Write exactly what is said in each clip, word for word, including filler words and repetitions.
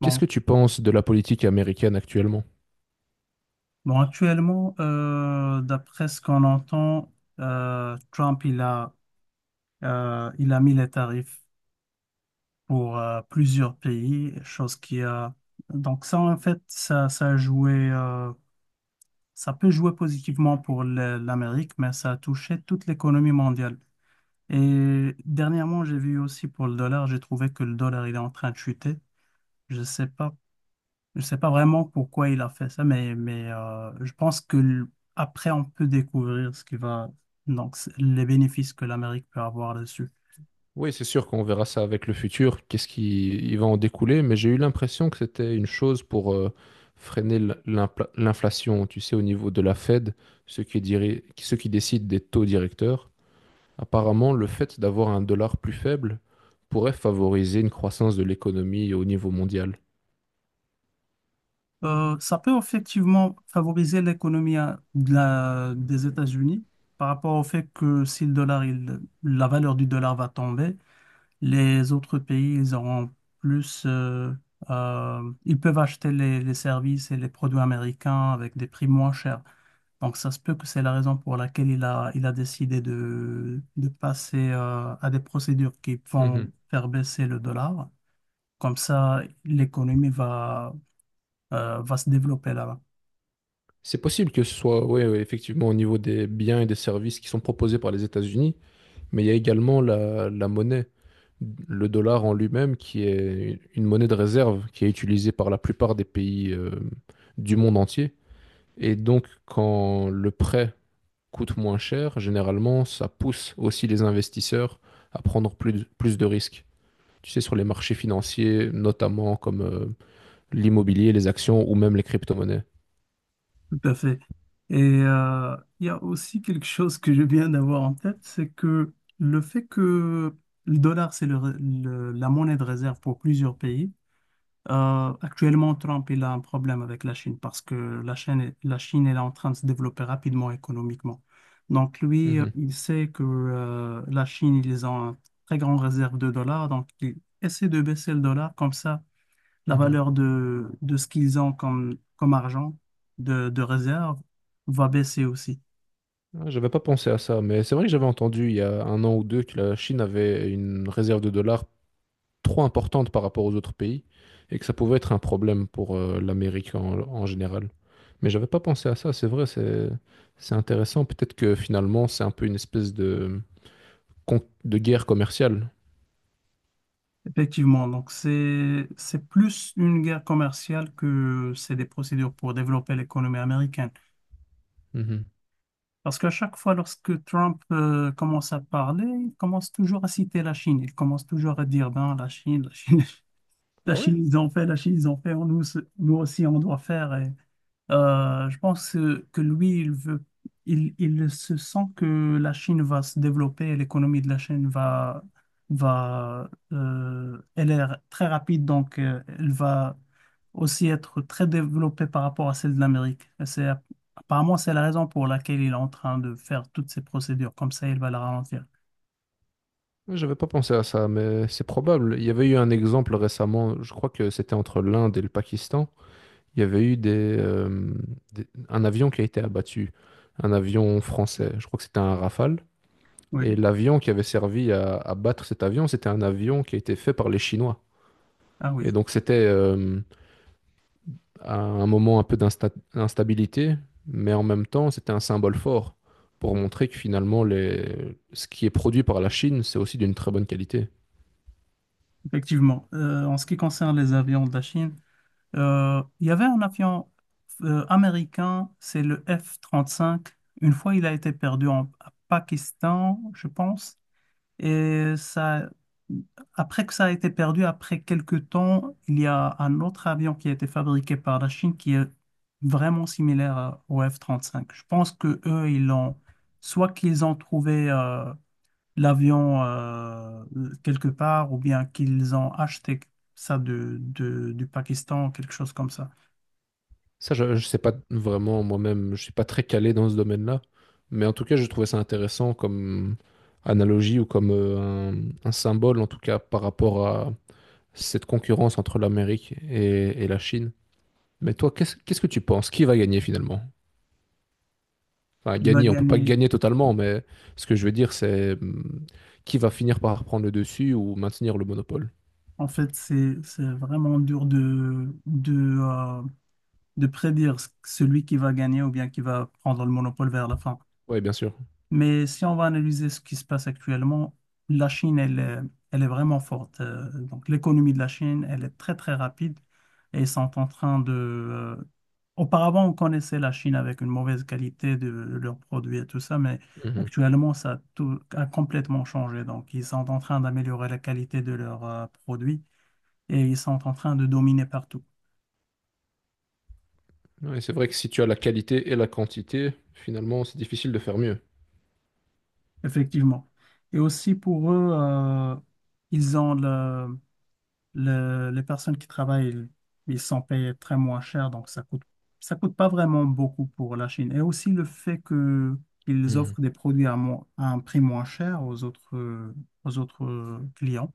Qu'est-ce que Bon, tu penses de la politique américaine actuellement? bon, actuellement, euh, d'après ce qu'on entend, euh, Trump il a, euh, il a mis les tarifs pour euh, plusieurs pays, chose qui a donc ça en fait ça ça a joué, euh, ça peut jouer positivement pour le- l'Amérique, mais ça a touché toute l'économie mondiale. Et dernièrement, j'ai vu aussi pour le dollar, j'ai trouvé que le dollar il est en train de chuter. Je ne sais pas Je ne sais pas vraiment pourquoi il a fait ça, mais, mais euh, je pense que l- après on peut découvrir ce qui va, donc c- les bénéfices que l'Amérique peut avoir dessus. Oui, c'est sûr qu'on verra ça avec le futur, qu'est-ce qui il va en découler, mais j'ai eu l'impression que c'était une chose pour euh, freiner l- l'impla- l'inflation, tu sais, au niveau de la Fed, ceux qui, diri- ceux qui décident des taux directeurs. Apparemment, le fait d'avoir un dollar plus faible pourrait favoriser une croissance de l'économie au niveau mondial. Euh, ça peut effectivement favoriser l'économie à- de la- des États-Unis par rapport au fait que si le dollar, il- la valeur du dollar va tomber, les autres pays, ils auront plus, euh, euh, ils peuvent acheter les, les services et les produits américains avec des prix moins chers. Donc ça se peut que c'est la raison pour laquelle il a, il a décidé de, de passer euh, à des procédures qui Mhm. vont faire baisser le dollar. Comme ça, l'économie va, euh, va se développer là-bas. C'est possible que ce soit, ouais, ouais, effectivement, au niveau des biens et des services qui sont proposés par les États-Unis, mais il y a également la, la monnaie. Le dollar en lui-même, qui est une monnaie de réserve, qui est utilisée par la plupart des pays euh, du monde entier. Et donc, quand le prêt coûte moins cher, généralement, ça pousse aussi les investisseurs à prendre plus de, plus de risques. Tu sais, sur les marchés financiers, notamment comme euh, l'immobilier, les actions ou même les crypto-monnaies. Tout à fait. Et euh, il y a aussi quelque chose que je viens d'avoir en tête, c'est que le fait que le dollar, c'est le le- la monnaie de réserve pour plusieurs pays, euh, actuellement, Trump, il a un problème avec la Chine parce que la Chine, est- la Chine, elle est en train de se développer rapidement économiquement. Donc lui, euh, Mhm. il sait que euh, la Chine, ils ont une très grande réserve de dollars, donc il essaie de baisser le dollar comme ça la Ah ah. valeur de, de ce qu'ils ont comme, comme argent de, de réserve va baisser aussi. Ah, j'avais pas pensé à ça, mais c'est vrai que j'avais entendu il y a un an ou deux que la Chine avait une réserve de dollars trop importante par rapport aux autres pays et que ça pouvait être un problème pour euh, l'Amérique en, en général. Mais j'avais pas pensé à ça, c'est vrai, c'est c'est intéressant. Peut-être que finalement c'est un peu une espèce de, con- de guerre commerciale. Effectivement, donc c'est c'est plus une guerre commerciale que c'est des procédures pour développer l'économie américaine. Mhm. Parce qu'à chaque fois, lorsque Trump euh, commence à parler, il commence toujours à citer la Chine. Il commence toujours à dire, ben, la Chine, la Chine, la Ah ouais? Chine, ils ont fait, la Chine, ils ont fait, nous, nous aussi, on doit faire. Et euh, je pense euh, que lui, il veut, il, il se sent que la Chine va se développer, l'économie de la Chine va, va, euh, elle est r- très rapide, donc euh, elle va aussi être très développée par rapport à celle de l'Amérique. Et c'est, apparemment, c'est la raison pour laquelle il est en train de faire toutes ces procédures. Comme ça, il va la ralentir. Ouais, j'avais pas pensé à ça, mais c'est probable. Il y avait eu un exemple récemment, je crois que c'était entre l'Inde et le Pakistan. Il y avait eu des, euh, des- un avion qui a été abattu, un avion français, je crois que c'était un Rafale. Oui, Et l'avion qui avait servi à abattre cet avion, c'était un avion qui a été fait par les Chinois. ah Et oui, donc c'était euh, à un moment un peu d'insta- d'instabilité, mais en même temps c'était un symbole fort pour montrer que finalement les ce qui est produit par la Chine, c'est aussi d'une très bonne qualité. effectivement. Euh, en ce qui concerne les avions de la Chine, Euh, il y avait un avion euh, américain, c'est le F trente-cinq. Une fois, il a été perdu en à Pakistan, je pense. Et ça, après que ça a été perdu, après quelques temps, il y a un autre avion qui a été fabriqué par la Chine qui est vraiment similaire à- au F trente-cinq. Je pense que eux, ils l'ont, soit qu'ils ont trouvé euh, l'avion euh, quelque part, ou bien qu'ils ont acheté ça de, de- du Pakistan, quelque chose comme ça. Ça, je, je sais pas vraiment moi-même, je suis pas très calé dans ce domaine-là, mais en tout cas, je trouvais ça intéressant comme analogie ou comme euh, un, un symbole, en tout cas, par rapport à cette concurrence entre l'Amérique et, et la Chine. Mais toi, qu'est-ce, qu'est-ce que tu penses? Qui va gagner finalement? Enfin, Il va gagner, on peut pas gagner. gagner totalement, mais ce que je veux dire, c'est hum, qui va finir par prendre le dessus ou maintenir le monopole? En fait, c'est, c'est vraiment dur de, de, euh, de prédire ce- celui qui va gagner ou bien qui va prendre le monopole vers la fin. Oui, bien sûr. Mais si on va analyser ce qui se passe actuellement, la Chine, elle, est- elle est vraiment forte. Euh, Donc, l'économie de la Chine, elle est très, très rapide et ils sont en train de... euh, Auparavant, on connaissait la Chine avec une mauvaise qualité de leurs produits et tout ça, mais Mhm. actuellement, ça a, tout- a complètement changé. Donc, ils sont en train d'améliorer la qualité de leurs euh, produits et ils sont en train de dominer partout, Ouais, c'est vrai que si tu as la qualité et la quantité, finalement, c'est difficile de faire mieux. effectivement. Et aussi pour eux, euh, ils ont le Le- les personnes qui travaillent, ils sont payés très moins cher, donc ça coûte, ça coûte pas vraiment beaucoup pour la Chine. Et aussi le fait que qu'ils Mhm. offrent des produits à, moins- à un prix moins cher aux autres, euh, aux autres euh, clients.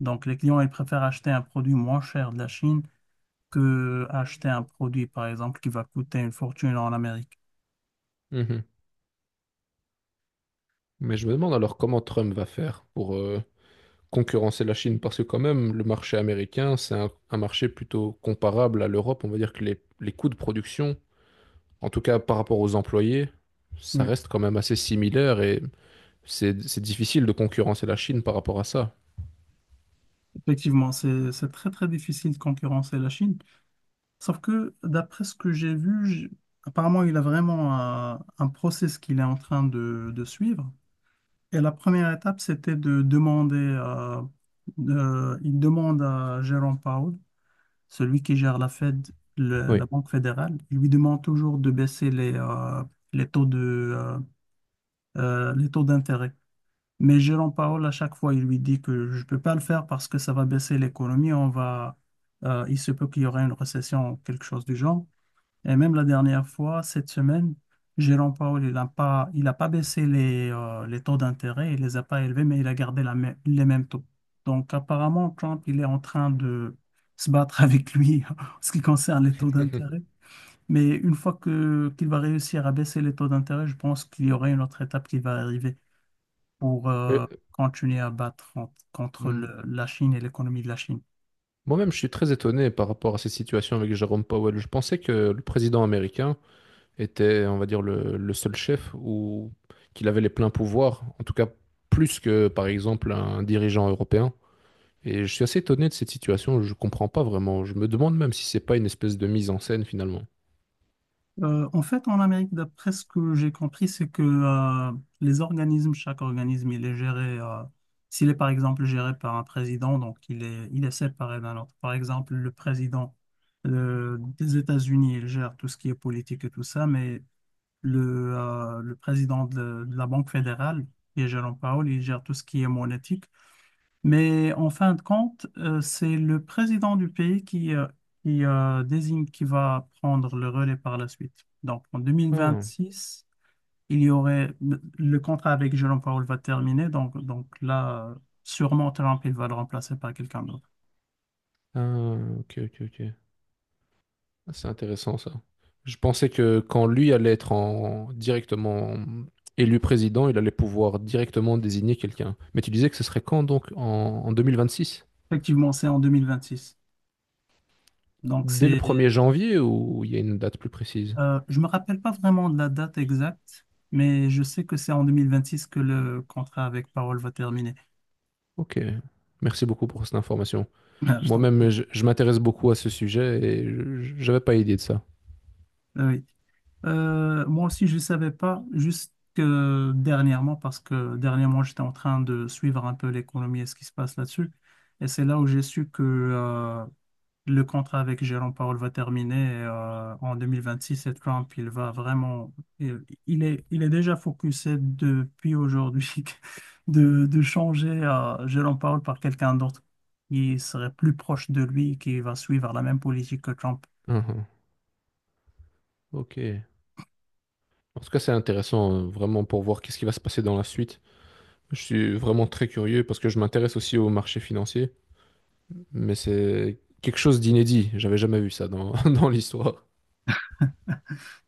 Donc les clients, ils préfèrent acheter un produit moins cher de la Chine que acheter un produit, par exemple, qui va coûter une fortune en Amérique. Mhm. Mais je me demande alors comment Trump va faire pour euh, concurrencer la Chine, parce que quand même, le marché américain, c'est un, un marché plutôt comparable à l'Europe. On va dire que les, les coûts de production, en tout cas par rapport aux employés, ça Oui. reste quand même assez similaire et c'est c'est difficile de concurrencer la Chine par rapport à ça. Effectivement, c'est, c'est très, très difficile de concurrencer la Chine. Sauf que, d'après ce que j'ai vu, j'- apparemment, il a vraiment un, un process qu'il est en train de, de suivre. Et la première étape, c'était de demander, euh, de- il demande à Jérôme Powell, celui qui gère la Fed, le- Oui. la Banque fédérale, il lui demande toujours de baisser les, euh, les taux de, euh, euh, les taux d'intérêt. Mais Jérôme Powell, à chaque fois, il lui dit que je ne peux pas le faire parce que ça va baisser l'économie, on va, euh, il se peut qu'il y aura une récession, quelque chose du genre. Et même la dernière fois, cette semaine, Jérôme Powell, il n'a pas, il a pas baissé les, euh, les taux d'intérêt, il les a pas élevés, mais il a gardé la mê- les mêmes taux. Donc apparemment, Trump, il est en train de se battre avec lui en ce qui concerne les taux d'intérêt. Mais une fois que qu'il va réussir à baisser les taux d'intérêt, je pense qu'il y aurait une autre étape qui va arriver pour euh, Mais, continuer à battre en- contre mm, le- la Chine et l'économie de la Chine. moi-même, je suis très étonné par rapport à cette situation avec Jérôme Powell. Je pensais que le président américain était, on va dire, le, le seul chef ou qu'il avait les pleins pouvoirs, en tout cas plus que, par exemple, un dirigeant européen. Et je suis assez étonné de cette situation, je comprends pas vraiment. Je me demande même si c'est pas une espèce de mise en scène finalement. Euh, en fait, en Amérique, d'après ce que j'ai compris, c'est que euh, les organismes, chaque organisme, il est géré, euh, s'il est par exemple géré par un président, donc il est, il est séparé d'un autre. Par exemple, le président euh, des États-Unis, il gère tout ce qui est politique et tout ça, mais le, euh, le président de, de la Banque fédérale, qui est Jerome Powell, il gère tout ce qui est monétique. Mais en fin de compte, euh, c'est le président du pays qui, euh, qui euh, désigne qui va prendre le relais par la suite. Donc en deux mille Ah, vingt-six, il y aurait le contrat avec Jérôme Powell va terminer. Donc, donc là, euh, sûrement Trump, il va le remplacer par quelqu'un d'autre. ah, ok, ok, ok. Ah, c'est intéressant ça. Je pensais que quand lui allait être en directement élu président, il allait pouvoir directement désigner quelqu'un. Mais tu disais que ce serait quand donc? En, en deux mille vingt-six? Effectivement, c'est en deux mille vingt-six. Donc, Dès le c'est, premier janvier ou il y a une date plus précise? euh, je me rappelle pas vraiment de la date exacte, mais je sais que c'est en deux mille vingt-six que le contrat avec Parole va terminer. Ok. Merci beaucoup pour cette information. Ah, je t'en prie. Moi-même, je, je m'intéresse beaucoup à ce sujet et je n'avais pas idée de ça. Ah oui. Euh, moi aussi, je ne savais pas, juste que dernièrement, parce que dernièrement, j'étais en train de suivre un peu l'économie et ce qui se passe là-dessus. Et c'est là où j'ai su que euh, le contrat avec Jérôme Powell va terminer et, euh, en deux mille vingt-six et Trump, il va vraiment, il, il est, il est déjà focusé depuis aujourd'hui de, de changer euh, Jérôme Powell par quelqu'un d'autre qui serait plus proche de lui et qui va suivre la même politique que Trump. Uhum. Ok. En tout cas, c'est intéressant euh, vraiment pour voir qu'est-ce qui va se passer dans la suite. Je suis vraiment très curieux parce que je m'intéresse aussi au marché financier, mais c'est quelque chose d'inédit. J'avais jamais vu ça dans, dans l'histoire.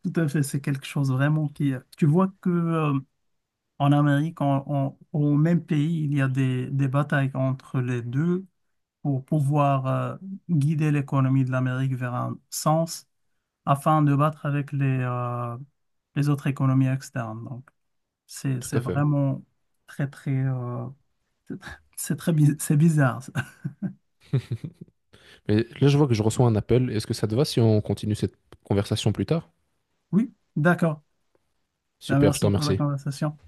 Tout à fait, c'est quelque chose vraiment qui... Tu vois que euh, en Amérique, en- en- au même pays, il y a des, des batailles entre les deux pour pouvoir euh, guider l'économie de l'Amérique vers un sens afin de battre avec les, euh, les autres économies externes. Donc, c'est, Tout c'est à fait. vraiment très, très, euh, c'est très, c'est bi- c'est bizarre. Mais là, je vois que je reçois un appel. Est-ce que ça te va si on continue cette conversation plus tard? Oui, d'accord. Ben, Super, je te merci pour la remercie. conversation.